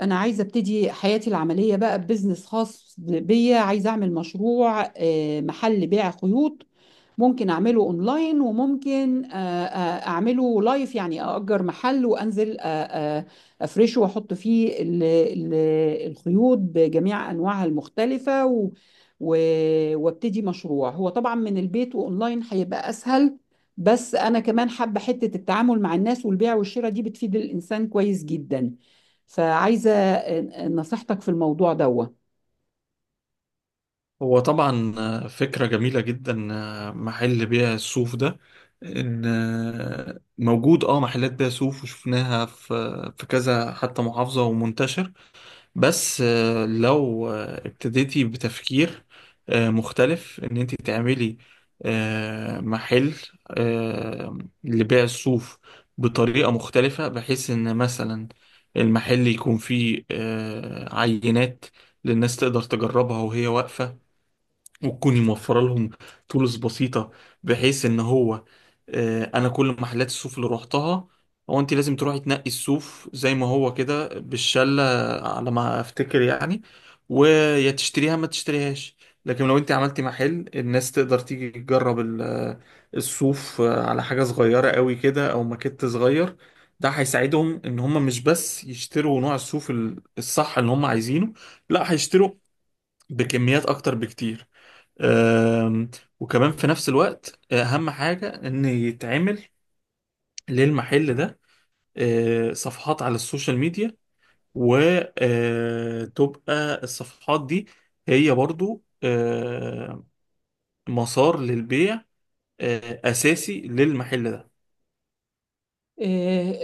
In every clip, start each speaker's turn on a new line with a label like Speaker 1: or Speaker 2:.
Speaker 1: أنا عايزة أبتدي حياتي العملية بقى ببزنس خاص بيا. عايزة أعمل مشروع محل بيع خيوط. ممكن أعمله أونلاين، وممكن أعمله لايف، يعني أأجر محل وأنزل آه، أفرشه وأحط فيه الخيوط بجميع أنواعها المختلفة، وأبتدي مشروع. هو طبعا من البيت وأونلاين هيبقى أسهل، بس أنا كمان حابة حتة التعامل مع الناس، والبيع والشراء دي بتفيد الإنسان كويس جدا. فعايزة نصيحتك في الموضوع دوا.
Speaker 2: هو طبعا فكرة جميلة جدا، محل بيع الصوف ده ان آه، موجود. اه محلات بيع صوف وشفناها في كذا حتى محافظة ومنتشر. بس لو ابتديتي بتفكير مختلف، ان انت تعملي محل آه، لبيع الصوف بطريقة مختلفة، بحيث ان مثلا المحل يكون فيه عينات للناس تقدر تجربها وهي واقفة، وتكوني موفرة لهم تولز بسيطة، بحيث ان هو انا كل محلات الصوف اللي روحتها، هو انت لازم تروحي تنقي الصوف زي ما هو كده بالشلة على ما افتكر يعني، ويا تشتريها ما تشتريهاش. لكن لو انت عملتي محل الناس تقدر تيجي تجرب الصوف على حاجة صغيرة قوي كده او ماكيت صغير، ده هيساعدهم ان هم مش بس يشتروا نوع الصوف الصح اللي هم عايزينه، لا هيشتروا بكميات اكتر بكتير. آم، وكمان في نفس الوقت اهم حاجة ان يتعمل للمحل ده صفحات على السوشيال ميديا، وتبقى الصفحات دي هي برضو مسار للبيع اساسي للمحل ده.
Speaker 1: إيه-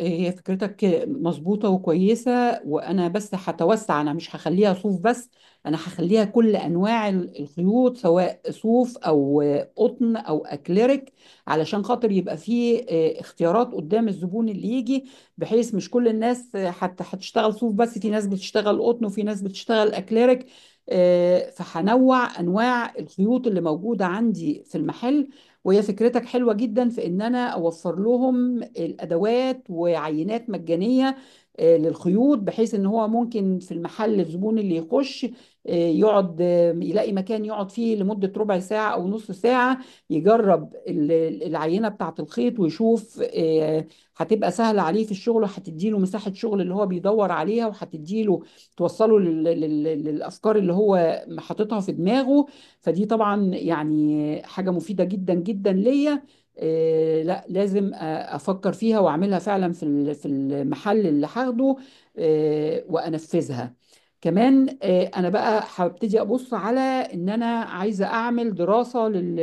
Speaker 1: هي فكرتك مظبوطة وكويسة، وأنا بس هتوسع. أنا مش هخليها صوف بس، أنا هخليها كل أنواع الخيوط، سواء صوف أو قطن أو أكليريك، علشان خاطر يبقى فيه اختيارات قدام الزبون اللي يجي، بحيث مش كل الناس حتى هتشتغل صوف بس، في ناس بتشتغل قطن وفي ناس بتشتغل أكليريك. فهنوع أنواع الخيوط اللي موجودة عندي في المحل. وهي فكرتك حلوة جدا، في ان انا اوفر لهم الادوات وعينات مجانية للخيوط، بحيث ان هو ممكن في المحل الزبون اللي يخش يقعد، يلاقي مكان يقعد فيه لمدة ربع ساعة او نص ساعة، يجرب العينة بتاعة الخيط ويشوف هتبقى سهلة عليه في الشغل، وهتديله مساحة شغل اللي هو بيدور عليها، وهتديله توصله للأفكار اللي هو حاططها في دماغه. فدي طبعا يعني حاجة مفيدة جدا جدا ليا. لا لازم افكر فيها واعملها فعلا في في المحل اللي هاخده وانفذها. كمان انا بقى هبتدي ابص على ان انا عايزة اعمل دراسة لل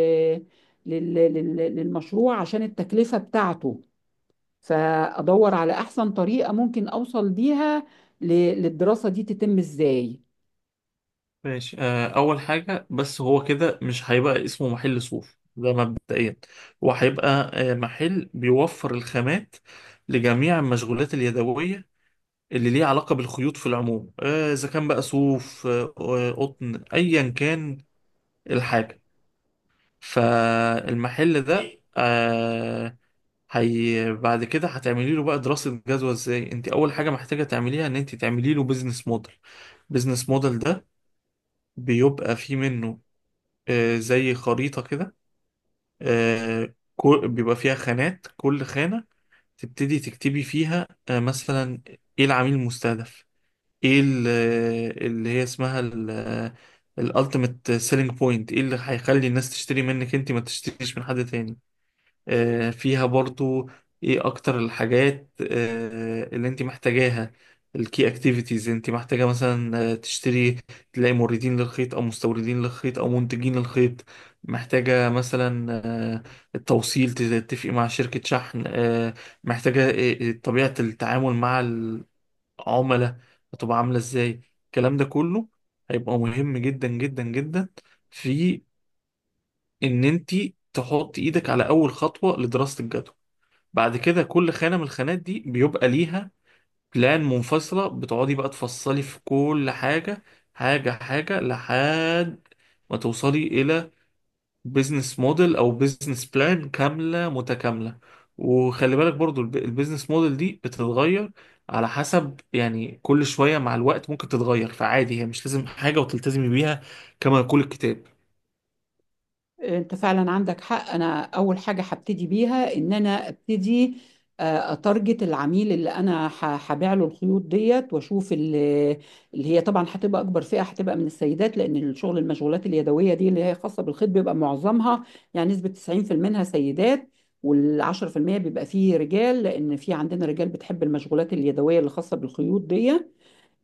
Speaker 1: لل- لل- للمشروع، عشان التكلفة بتاعته. فادور على احسن طريقة ممكن اوصل بيها ل- للدراسة دي تتم ازاي.
Speaker 2: ماشي، اول حاجة بس، هو كده مش هيبقى اسمه محل صوف ده مبدئيا، وهيبقى محل بيوفر الخامات لجميع المشغولات اليدوية اللي ليه علاقة بالخيوط في العموم، إذا كان بقى صوف قطن أيا كان الحاجة. فالمحل ده هي بعد كده هتعملي له بقى دراسة جدوى. ازاي انت اول حاجة محتاجة تعمليها؟ ان انت تعملي له بيزنس موديل. بيزنس موديل ده بيبقى فيه منه زي خريطة كده. بيبقى فيها خانات، كل خانة تبتدي تكتبي فيها مثلا ايه العميل المستهدف، ايه اللي هي اسمها الالتيميت سيلينج بوينت، ايه اللي هيخلي الناس تشتري منك انت ما تشتريش من حد تاني. فيها برضو ايه اكتر الحاجات اللي انت محتاجاها. الكي اكتيفيتيز، انت محتاجة مثلا تشتري، تلاقي موردين للخيط او مستوردين للخيط او منتجين للخيط. محتاجة مثلا التوصيل، تتفقي مع شركة شحن. محتاجة طبيعة التعامل مع عملاء، هتبقى عاملة ازاي. الكلام ده كله هيبقى مهم جدا جدا جدا في ان انت تحط ايدك على اول خطوة لدراسة الجدوى. بعد كده كل خانة من الخانات دي بيبقى ليها بلان منفصلة، بتقعدي بقى تفصلي في كل حاجة، حاجة حاجة، لحد ما توصلي إلى بيزنس موديل او بيزنس بلان كامله متكامله. وخلي بالك برضو البيزنس موديل دي بتتغير على حسب يعني كل شويه، مع الوقت ممكن تتغير، فعادي، هي مش لازم حاجه وتلتزمي بيها كما يقول الكتاب.
Speaker 1: انت فعلا عندك حق، انا اول حاجه هبتدي بيها ان انا ابتدي اتارجت العميل اللي انا هبيع له الخيوط ديت، واشوف اللي هي طبعا هتبقى اكبر فئه. هتبقى من السيدات، لان الشغل المشغولات اليدويه دي اللي هي خاصه بالخيط بيبقى معظمها، يعني نسبه 90% منها سيدات، وال10% بيبقى فيه رجال، لان في عندنا رجال بتحب المشغولات اليدويه اللي خاصه بالخيوط دي.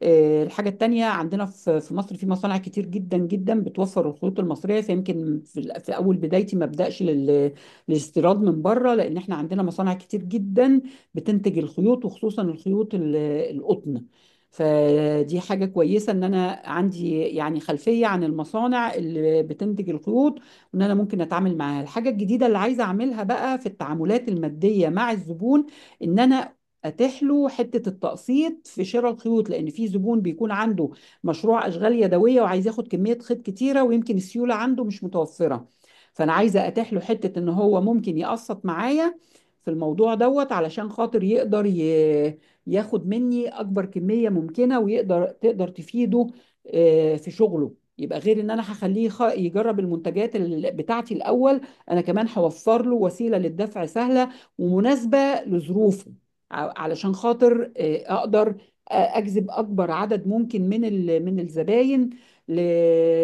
Speaker 1: الحاجة التانية، عندنا في مصر في مصانع كتير جدا جدا بتوفر الخيوط المصرية، فيمكن في أول بدايتي ما أبدأش للاستيراد من بره، لأن إحنا عندنا مصانع كتير جدا بتنتج الخيوط، وخصوصا الخيوط القطن. فدي حاجة كويسة إن أنا عندي يعني خلفية عن المصانع اللي بتنتج الخيوط، وإن أنا ممكن أتعامل معاها. الحاجة الجديدة اللي عايزة أعملها بقى في التعاملات المادية مع الزبون، إن أنا اتيح له حته التقسيط في شراء الخيوط، لان في زبون بيكون عنده مشروع اشغال يدويه، وعايز ياخد كميه خيط كتيره، ويمكن السيوله عنده مش متوفره. فانا عايزه اتيح له حته ان هو ممكن يقسط معايا في الموضوع دوت، علشان خاطر يقدر ياخد مني اكبر كميه ممكنه، ويقدر تفيده في شغله. يبقى غير ان انا هخليه يجرب المنتجات بتاعتي الاول، انا كمان هوفر له وسيله للدفع سهله ومناسبه لظروفه، علشان خاطر اقدر اجذب اكبر عدد ممكن من من الزباين ل-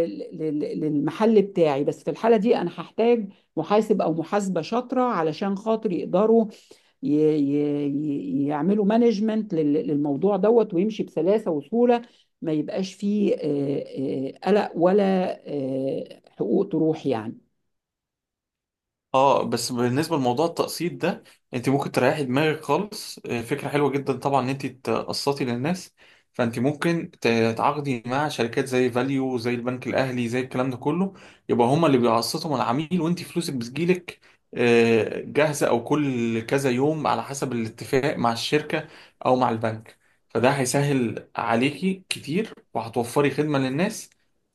Speaker 1: ل- للمحل بتاعي. بس في الحالة دي انا هحتاج محاسب او محاسبة شاطرة، علشان خاطر يقدروا ي- يعملوا مانجمنت للموضوع دوت، ويمشي بسلاسة وسهولة، ما يبقاش فيه قلق، ولا حقوق تروح يعني.
Speaker 2: اه، بس بالنسبه لموضوع التقسيط ده، انت ممكن تريحي دماغك خالص. فكره حلوه جدا طبعا ان انت تقسطي للناس، فانت ممكن تتعاقدي مع شركات زي فاليو، زي البنك الاهلي، زي الكلام ده كله، يبقى هما اللي بيقسطوا مع العميل وانت فلوسك بتجيلك جاهزه، او كل كذا يوم على حسب الاتفاق مع الشركه او مع البنك. فده هيسهل عليكي كتير، وهتوفري خدمه للناس،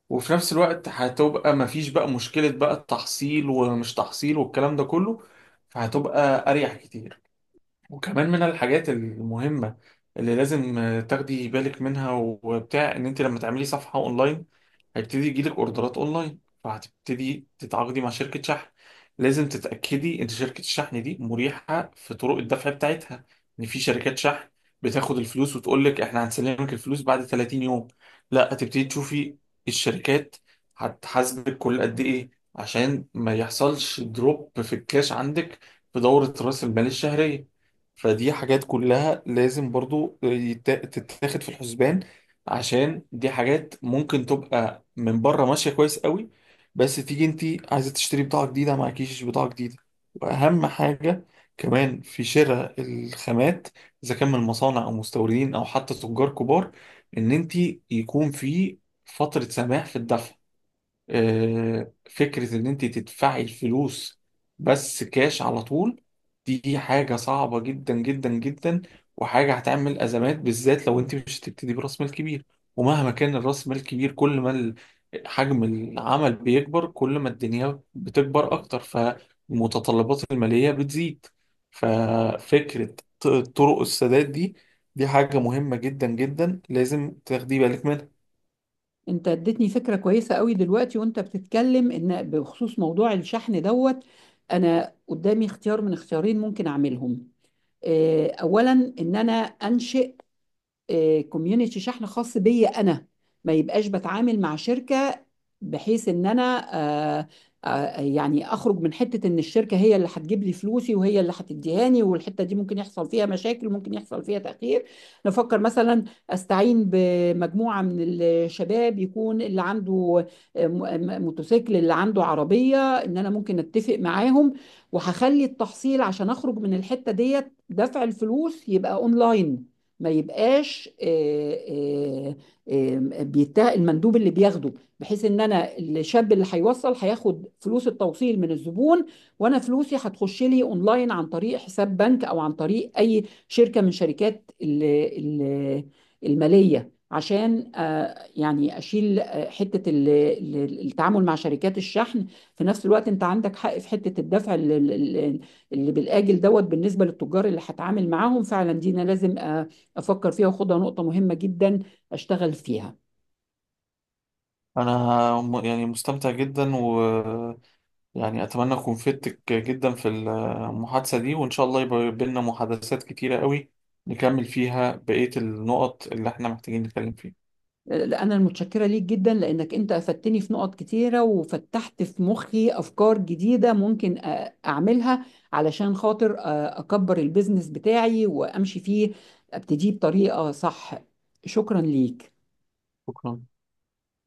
Speaker 2: وفي نفس الوقت هتبقى مفيش بقى مشكلة بقى التحصيل ومش تحصيل والكلام ده كله، فهتبقى أريح كتير. وكمان من الحاجات المهمة اللي لازم تاخدي بالك منها وبتاع، ان انت لما تعملي صفحة اونلاين هيبتدي يجيلك اوردرات اونلاين، فهتبتدي تتعاقدي مع شركة شحن. لازم تتأكدي ان شركة الشحن دي مريحة في طرق الدفع بتاعتها، ان في شركات شحن بتاخد الفلوس وتقول لك احنا هنسلمك الفلوس بعد 30 يوم. لا، هتبتدي تشوفي الشركات هتحاسبك كل قد ايه عشان ما يحصلش دروب في الكاش عندك في دورة رأس المال الشهرية. فدي حاجات كلها لازم برضو تتاخد في الحسبان، عشان دي حاجات ممكن تبقى من بره ماشية كويس قوي، بس تيجي انت عايزة تشتري بضاعة جديدة معكيش بضاعة جديدة. واهم حاجة كمان في شراء الخامات، اذا كان من مصانع او مستوردين او حتى تجار كبار، ان انت يكون في فترة سماح في الدفع. فكرة إن أنت تدفعي الفلوس بس كاش على طول دي حاجة صعبة جدا جدا جدا، وحاجة هتعمل أزمات، بالذات لو أنت مش هتبتدي برأس مال كبير. ومهما كان الرأس مال كبير، كل ما حجم العمل بيكبر، كل ما الدنيا بتكبر أكتر، فالمتطلبات المالية بتزيد. ففكرة طرق السداد دي، دي حاجة مهمة جدا جدا لازم تاخدي بالك منها.
Speaker 1: انت اديتني فكرة كويسة قوي دلوقتي وانت بتتكلم، ان بخصوص موضوع الشحن دوت، انا قدامي اختيار من اختيارين ممكن اعملهم. اولا، ان انا انشئ كوميونيتي شحن خاص بيا انا، ما يبقاش بتعامل مع شركه، بحيث ان انا آه، يعني اخرج من حته ان الشركه هي اللي هتجيب لي فلوسي وهي اللي هتديهاني، والحته دي ممكن يحصل فيها مشاكل، ممكن يحصل فيها تاخير. نفكر مثلا استعين بمجموعه من الشباب، يكون اللي عنده موتوسيكل، اللي عنده عربيه، ان انا ممكن اتفق معاهم، وهخلي التحصيل عشان اخرج من الحته ديت، دفع الفلوس يبقى اونلاين، ما يبقاش آه، بيته المندوب اللي بياخده، بحيث ان انا الشاب اللي هيوصل هياخد فلوس التوصيل من الزبون، وانا فلوسي هتخش لي اونلاين عن طريق حساب بنك، او عن طريق اي شركة من شركات ال- المالية، عشان يعني اشيل حتة التعامل مع شركات الشحن. في نفس الوقت انت عندك حق في حتة الدفع ال- اللي بالاجل دوت، بالنسبة للتجار اللي هتعامل معاهم فعلا، دي انا لازم افكر فيها، وخدها نقطه مهمه جدا اشتغل فيها.
Speaker 2: انا يعني مستمتع جدا، ويعني اتمنى اكون فدتك جدا في المحادثة دي، وان شاء الله يبقى بينا محادثات كتيرة قوي نكمل فيها بقية النقط اللي احنا محتاجين نتكلم فيها.
Speaker 1: لا، انا المتشكره ليك جدا، لانك انت افدتني في نقط كتيره، وفتحت في مخي افكار جديده ممكن اعملها، علشان خاطر اكبر البيزنس بتاعي وامشي فيه، ابتديه بطريقه صح. شكرا ليك.
Speaker 2: شكرا.